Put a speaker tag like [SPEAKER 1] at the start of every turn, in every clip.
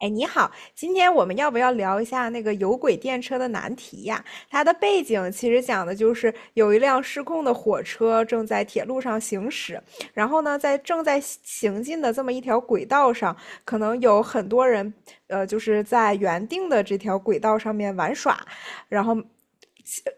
[SPEAKER 1] 哎，你好，今天我们要不要聊一下那个有轨电车的难题呀？它的背景其实讲的就是有一辆失控的火车正在铁路上行驶，然后呢，在正在行进的这么一条轨道上，可能有很多人，就是在原定的这条轨道上面玩耍，然后。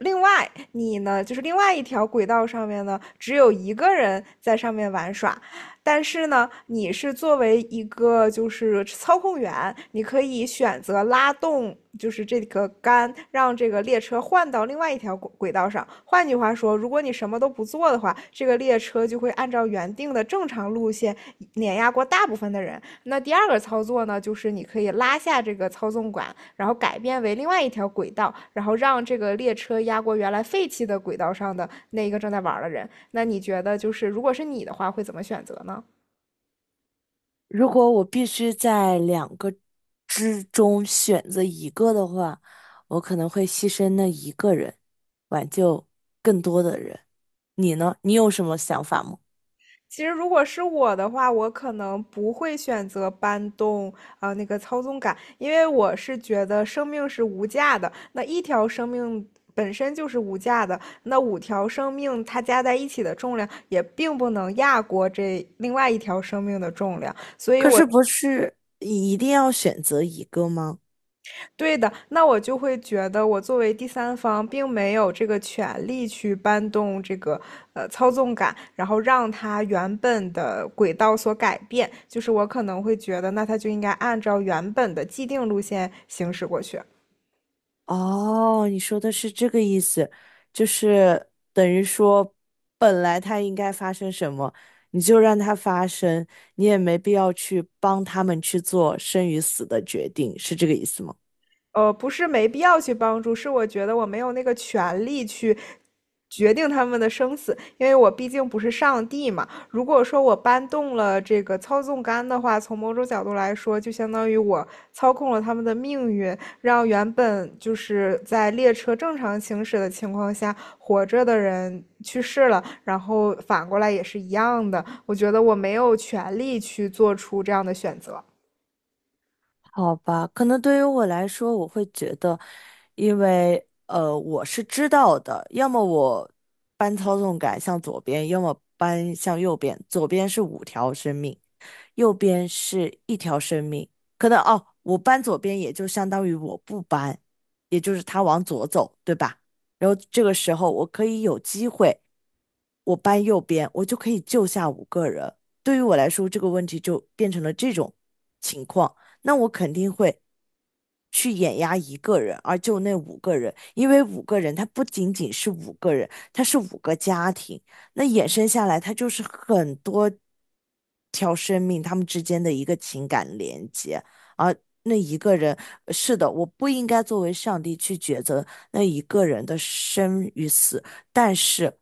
[SPEAKER 1] 另外，你呢，就是另外一条轨道上面呢，只有一个人在上面玩耍，但是呢，你是作为一个就是操控员，你可以选择拉动就是这个杆，让这个列车换到另外一条轨道上。换句话说，如果你什么都不做的话，这个列车就会按照原定的正常路线碾压过大部分的人。那第二个操作呢，就是你可以拉下这个操纵杆，然后改变为另外一条轨道，然后让这个列车压过原来废弃的轨道上的那一个正在玩的人。那你觉得，就是如果是你的话，会怎么选择呢？
[SPEAKER 2] 如果我必须在两个之中选择一个的话，我可能会牺牲那一个人，挽救更多的人。你呢？你有什么想法吗？
[SPEAKER 1] 其实如果是我的话，我可能不会选择搬动那个操纵杆，因为我是觉得生命是无价的，那一条生命本身就是无价的，那五条生命它加在一起的重量也并不能压过这另外一条生命的重量，所以
[SPEAKER 2] 可
[SPEAKER 1] 我
[SPEAKER 2] 是
[SPEAKER 1] 觉
[SPEAKER 2] 不是一定要选择一个吗？
[SPEAKER 1] 对的，那我就会觉得我作为第三方，并没有这个权利去搬动这个操纵杆，然后让它原本的轨道所改变。就是我可能会觉得，那它就应该按照原本的既定路线行驶过去。
[SPEAKER 2] 哦，你说的是这个意思，就是等于说，本来他应该发生什么，你就让他发生，你也没必要去帮他们去做生与死的决定，是这个意思吗？
[SPEAKER 1] 不是没必要去帮助，是我觉得我没有那个权利去决定他们的生死，因为我毕竟不是上帝嘛。如果说我搬动了这个操纵杆的话，从某种角度来说，就相当于我操控了他们的命运，让原本就是在列车正常行驶的情况下活着的人去世了，然后反过来也是一样的。我觉得我没有权利去做出这样的选择。
[SPEAKER 2] 好吧，可能对于我来说，我会觉得，因为,我是知道的，要么我搬操纵杆向左边，要么搬向右边。左边是五条生命，右边是一条生命。可能哦，我搬左边也就相当于我不搬，也就是他往左走，对吧？然后这个时候我可以有机会，我搬右边，我就可以救下五个人。对于我来说，这个问题就变成了这种情况。那我肯定会去碾压一个人，而就那五个人，因为五个人他不仅仅是五个人，他是五个家庭，那衍生下来，他就是很多条生命他们之间的一个情感连接，而那一个人，是的，我不应该作为上帝去抉择那一个人的生与死，但是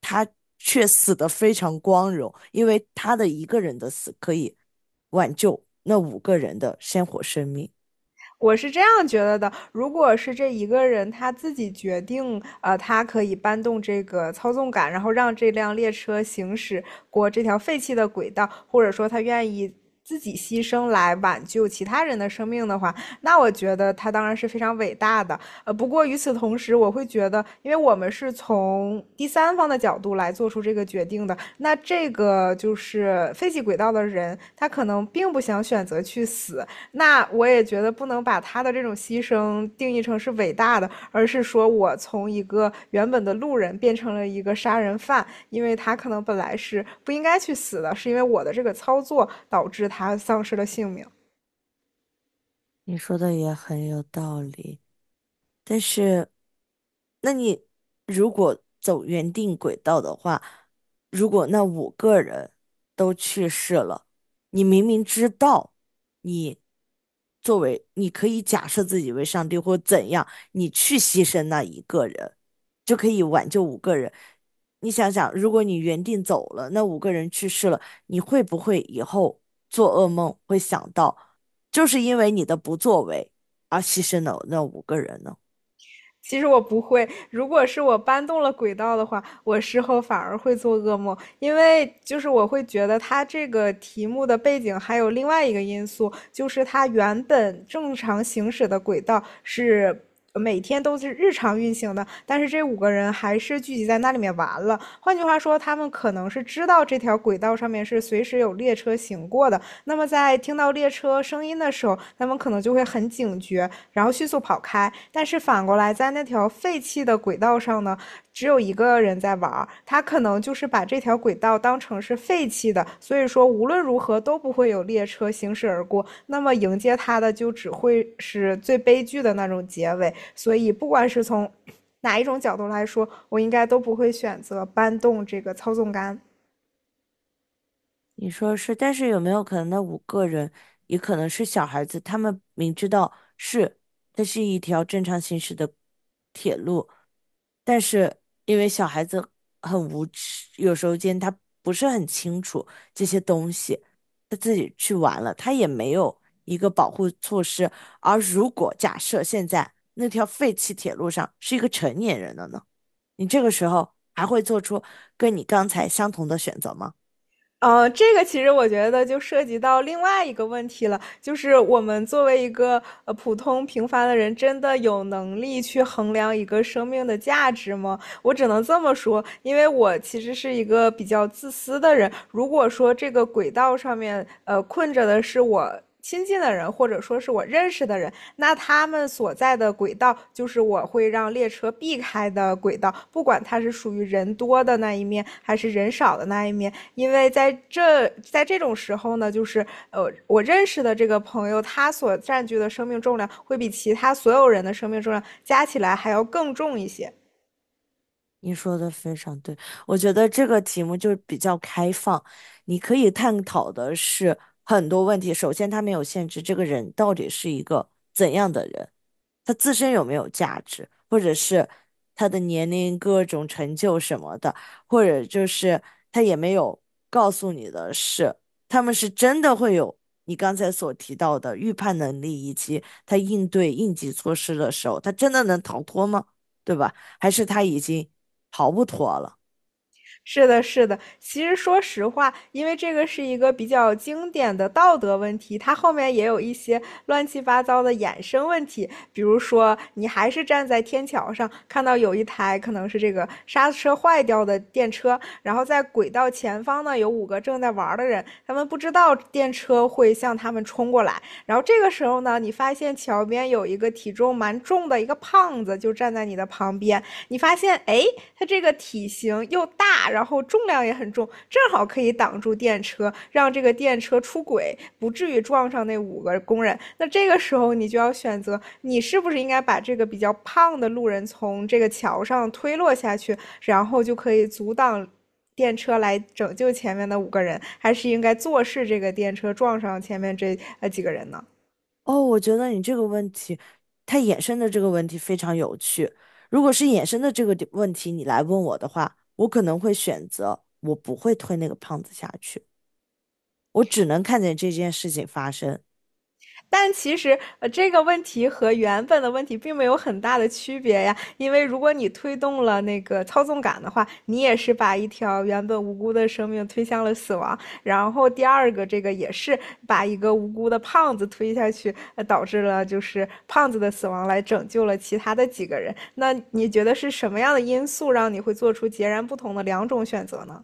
[SPEAKER 2] 他却死得非常光荣，因为他的一个人的死可以。挽救那五个人的鲜活生命。
[SPEAKER 1] 我是这样觉得的，如果是这一个人他自己决定，他可以搬动这个操纵杆，然后让这辆列车行驶过这条废弃的轨道，或者说他愿意自己牺牲来挽救其他人的生命的话，那我觉得他当然是非常伟大的。不过与此同时，我会觉得，因为我们是从第三方的角度来做出这个决定的，那这个就是废弃轨道的人，他可能并不想选择去死，那我也觉得不能把他的这种牺牲定义成是伟大的，而是说我从一个原本的路人变成了一个杀人犯，因为他可能本来是不应该去死的，是因为我的这个操作导致他丧失了性命。
[SPEAKER 2] 你说的也很有道理。但是，那你如果走原定轨道的话，如果那五个人都去世了，你明明知道你作为你可以假设自己为上帝或怎样，你去牺牲那一个人，就可以挽救五个人。你想想，如果你原定走了，那五个人去世了，你会不会以后做噩梦会想到，就是因为你的不作为而牺牲了那五个人呢？
[SPEAKER 1] 其实我不会，如果是我搬动了轨道的话，我事后反而会做噩梦，因为就是我会觉得它这个题目的背景还有另外一个因素，就是它原本正常行驶的轨道是每天都是日常运行的，但是这五个人还是聚集在那里面玩了。换句话说，他们可能是知道这条轨道上面是随时有列车行过的，那么在听到列车声音的时候，他们可能就会很警觉，然后迅速跑开。但是反过来，在那条废弃的轨道上呢，只有一个人在玩儿，他可能就是把这条轨道当成是废弃的，所以说无论如何都不会有列车行驶而过。那么迎接他的就只会是最悲剧的那种结尾。所以不管是从 哪一种角度来说，我应该都不会选择搬动这个操纵杆。
[SPEAKER 2] 你说是，但是有没有可能那五个人也可能是小孩子？他们明知道是这是一条正常行驶的铁路，但是因为小孩子很无知，有时候间他不是很清楚这些东西，他自己去玩了，他也没有一个保护措施。而如果假设现在那条废弃铁路上是一个成年人了呢？你这个时候还会做出跟你刚才相同的选择吗？
[SPEAKER 1] 这个其实我觉得就涉及到另外一个问题了，就是我们作为一个普通平凡的人，真的有能力去衡量一个生命的价值吗？我只能这么说，因为我其实是一个比较自私的人。如果说这个轨道上面，困着的是我亲近的人，或者说是我认识的人，那他们所在的轨道就是我会让列车避开的轨道，不管它是属于人多的那一面，还是人少的那一面。因为在这种时候呢，我认识的这个朋友，他所占据的生命重量会比其他所有人的生命重量加起来还要更重一些。
[SPEAKER 2] 你说的非常对，我觉得这个题目就是比较开放，你可以探讨的是很多问题。首先，他没有限制这个人到底是一个怎样的人，他自身有没有价值，或者是他的年龄、各种成就什么的，或者就是他也没有告诉你的是，他们是真的会有你刚才所提到的预判能力，以及他应对应急措施的时候，他真的能逃脱吗？对吧？还是他已经逃不脱了？
[SPEAKER 1] 是的，是的。其实说实话，因为这个是一个比较经典的道德问题，它后面也有一些乱七八糟的衍生问题。比如说，你还是站在天桥上，看到有一台可能是这个刹车坏掉的电车，然后在轨道前方呢有五个正在玩的人，他们不知道电车会向他们冲过来。然后这个时候呢，你发现桥边有一个体重蛮重的一个胖子就站在你的旁边，你发现，哎，它这个体型又大，然后重量也很重，正好可以挡住电车，让这个电车出轨，不至于撞上那五个工人。那这个时候你就要选择，你是不是应该把这个比较胖的路人从这个桥上推落下去，然后就可以阻挡。电车来拯救前面的五个人，还是应该坐视这个电车撞上前面这几个人呢？
[SPEAKER 2] 哦，我觉得你这个问题，它衍生的这个问题非常有趣。如果是衍生的这个问题，你来问我的话，我可能会选择我不会推那个胖子下去，我只能看见这件事情发生。
[SPEAKER 1] 但其实，这个问题和原本的问题并没有很大的区别呀，因为如果你推动了那个操纵感的话，你也是把一条原本无辜的生命推向了死亡。然后第二个，这个也是把一个无辜的胖子推下去，导致了就是胖子的死亡，来拯救了其他的几个人。那你觉得是什么样的因素让你会做出截然不同的两种选择呢？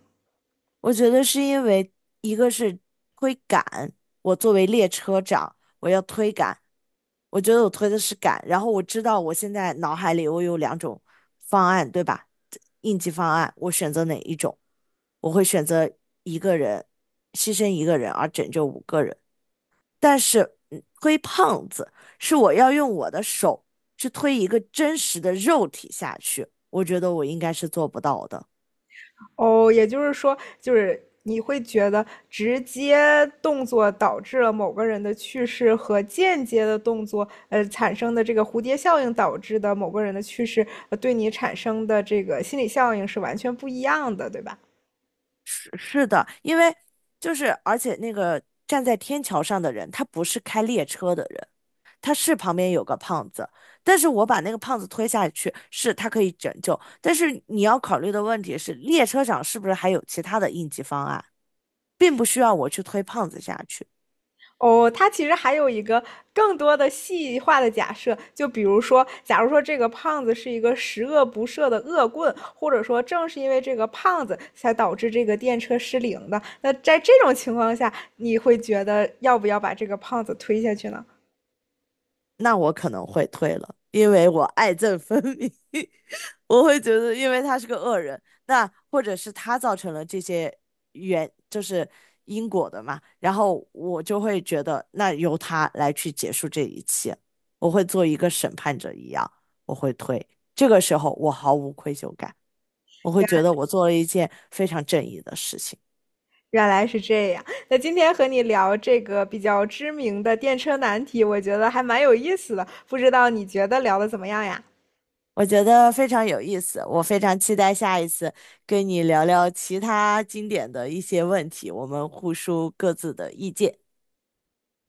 [SPEAKER 2] 我觉得是因为一个是推赶，我作为列车长，我要推赶，我觉得我推的是赶，然后我知道我现在脑海里我有两种方案，对吧？应急方案，我选择哪一种？我会选择一个人，牺牲一个人而拯救五个人。但是推胖子是我要用我的手去推一个真实的肉体下去，我觉得我应该是做不到的。
[SPEAKER 1] 哦，也就是说，就是你会觉得直接动作导致了某个人的去世，和间接的动作，产生的这个蝴蝶效应导致的某个人的去世，对你产生的这个心理效应是完全不一样的，对吧？
[SPEAKER 2] 是是的，因为就是而且那个站在天桥上的人，他不是开列车的人，他是旁边有个胖子，但是我把那个胖子推下去，是他可以拯救，但是你要考虑的问题是，列车长是不是还有其他的应急方案？并不需要我去推胖子下去，
[SPEAKER 1] 哦，它其实还有一个更多的细化的假设，就比如说，假如说这个胖子是一个十恶不赦的恶棍，或者说正是因为这个胖子才导致这个电车失灵的，那在这种情况下，你会觉得要不要把这个胖子推下去呢？
[SPEAKER 2] 那我可能会推了，因为我爱憎分明 我会觉得因为他是个恶人，那或者是他造成了这些原就是因果的嘛，然后我就会觉得那由他来去结束这一切，我会做一个审判者一样，我会推，这个时候我毫无愧疚感，我会觉得我做了一件非常正义的事情。
[SPEAKER 1] 原来是这样。那今天和你聊这个比较知名的电车难题，我觉得还蛮有意思的，不知道你觉得聊的怎么样呀？
[SPEAKER 2] 我觉得非常有意思，我非常期待下一次跟你聊聊其他经典的一些问题，我们互输各自的意见。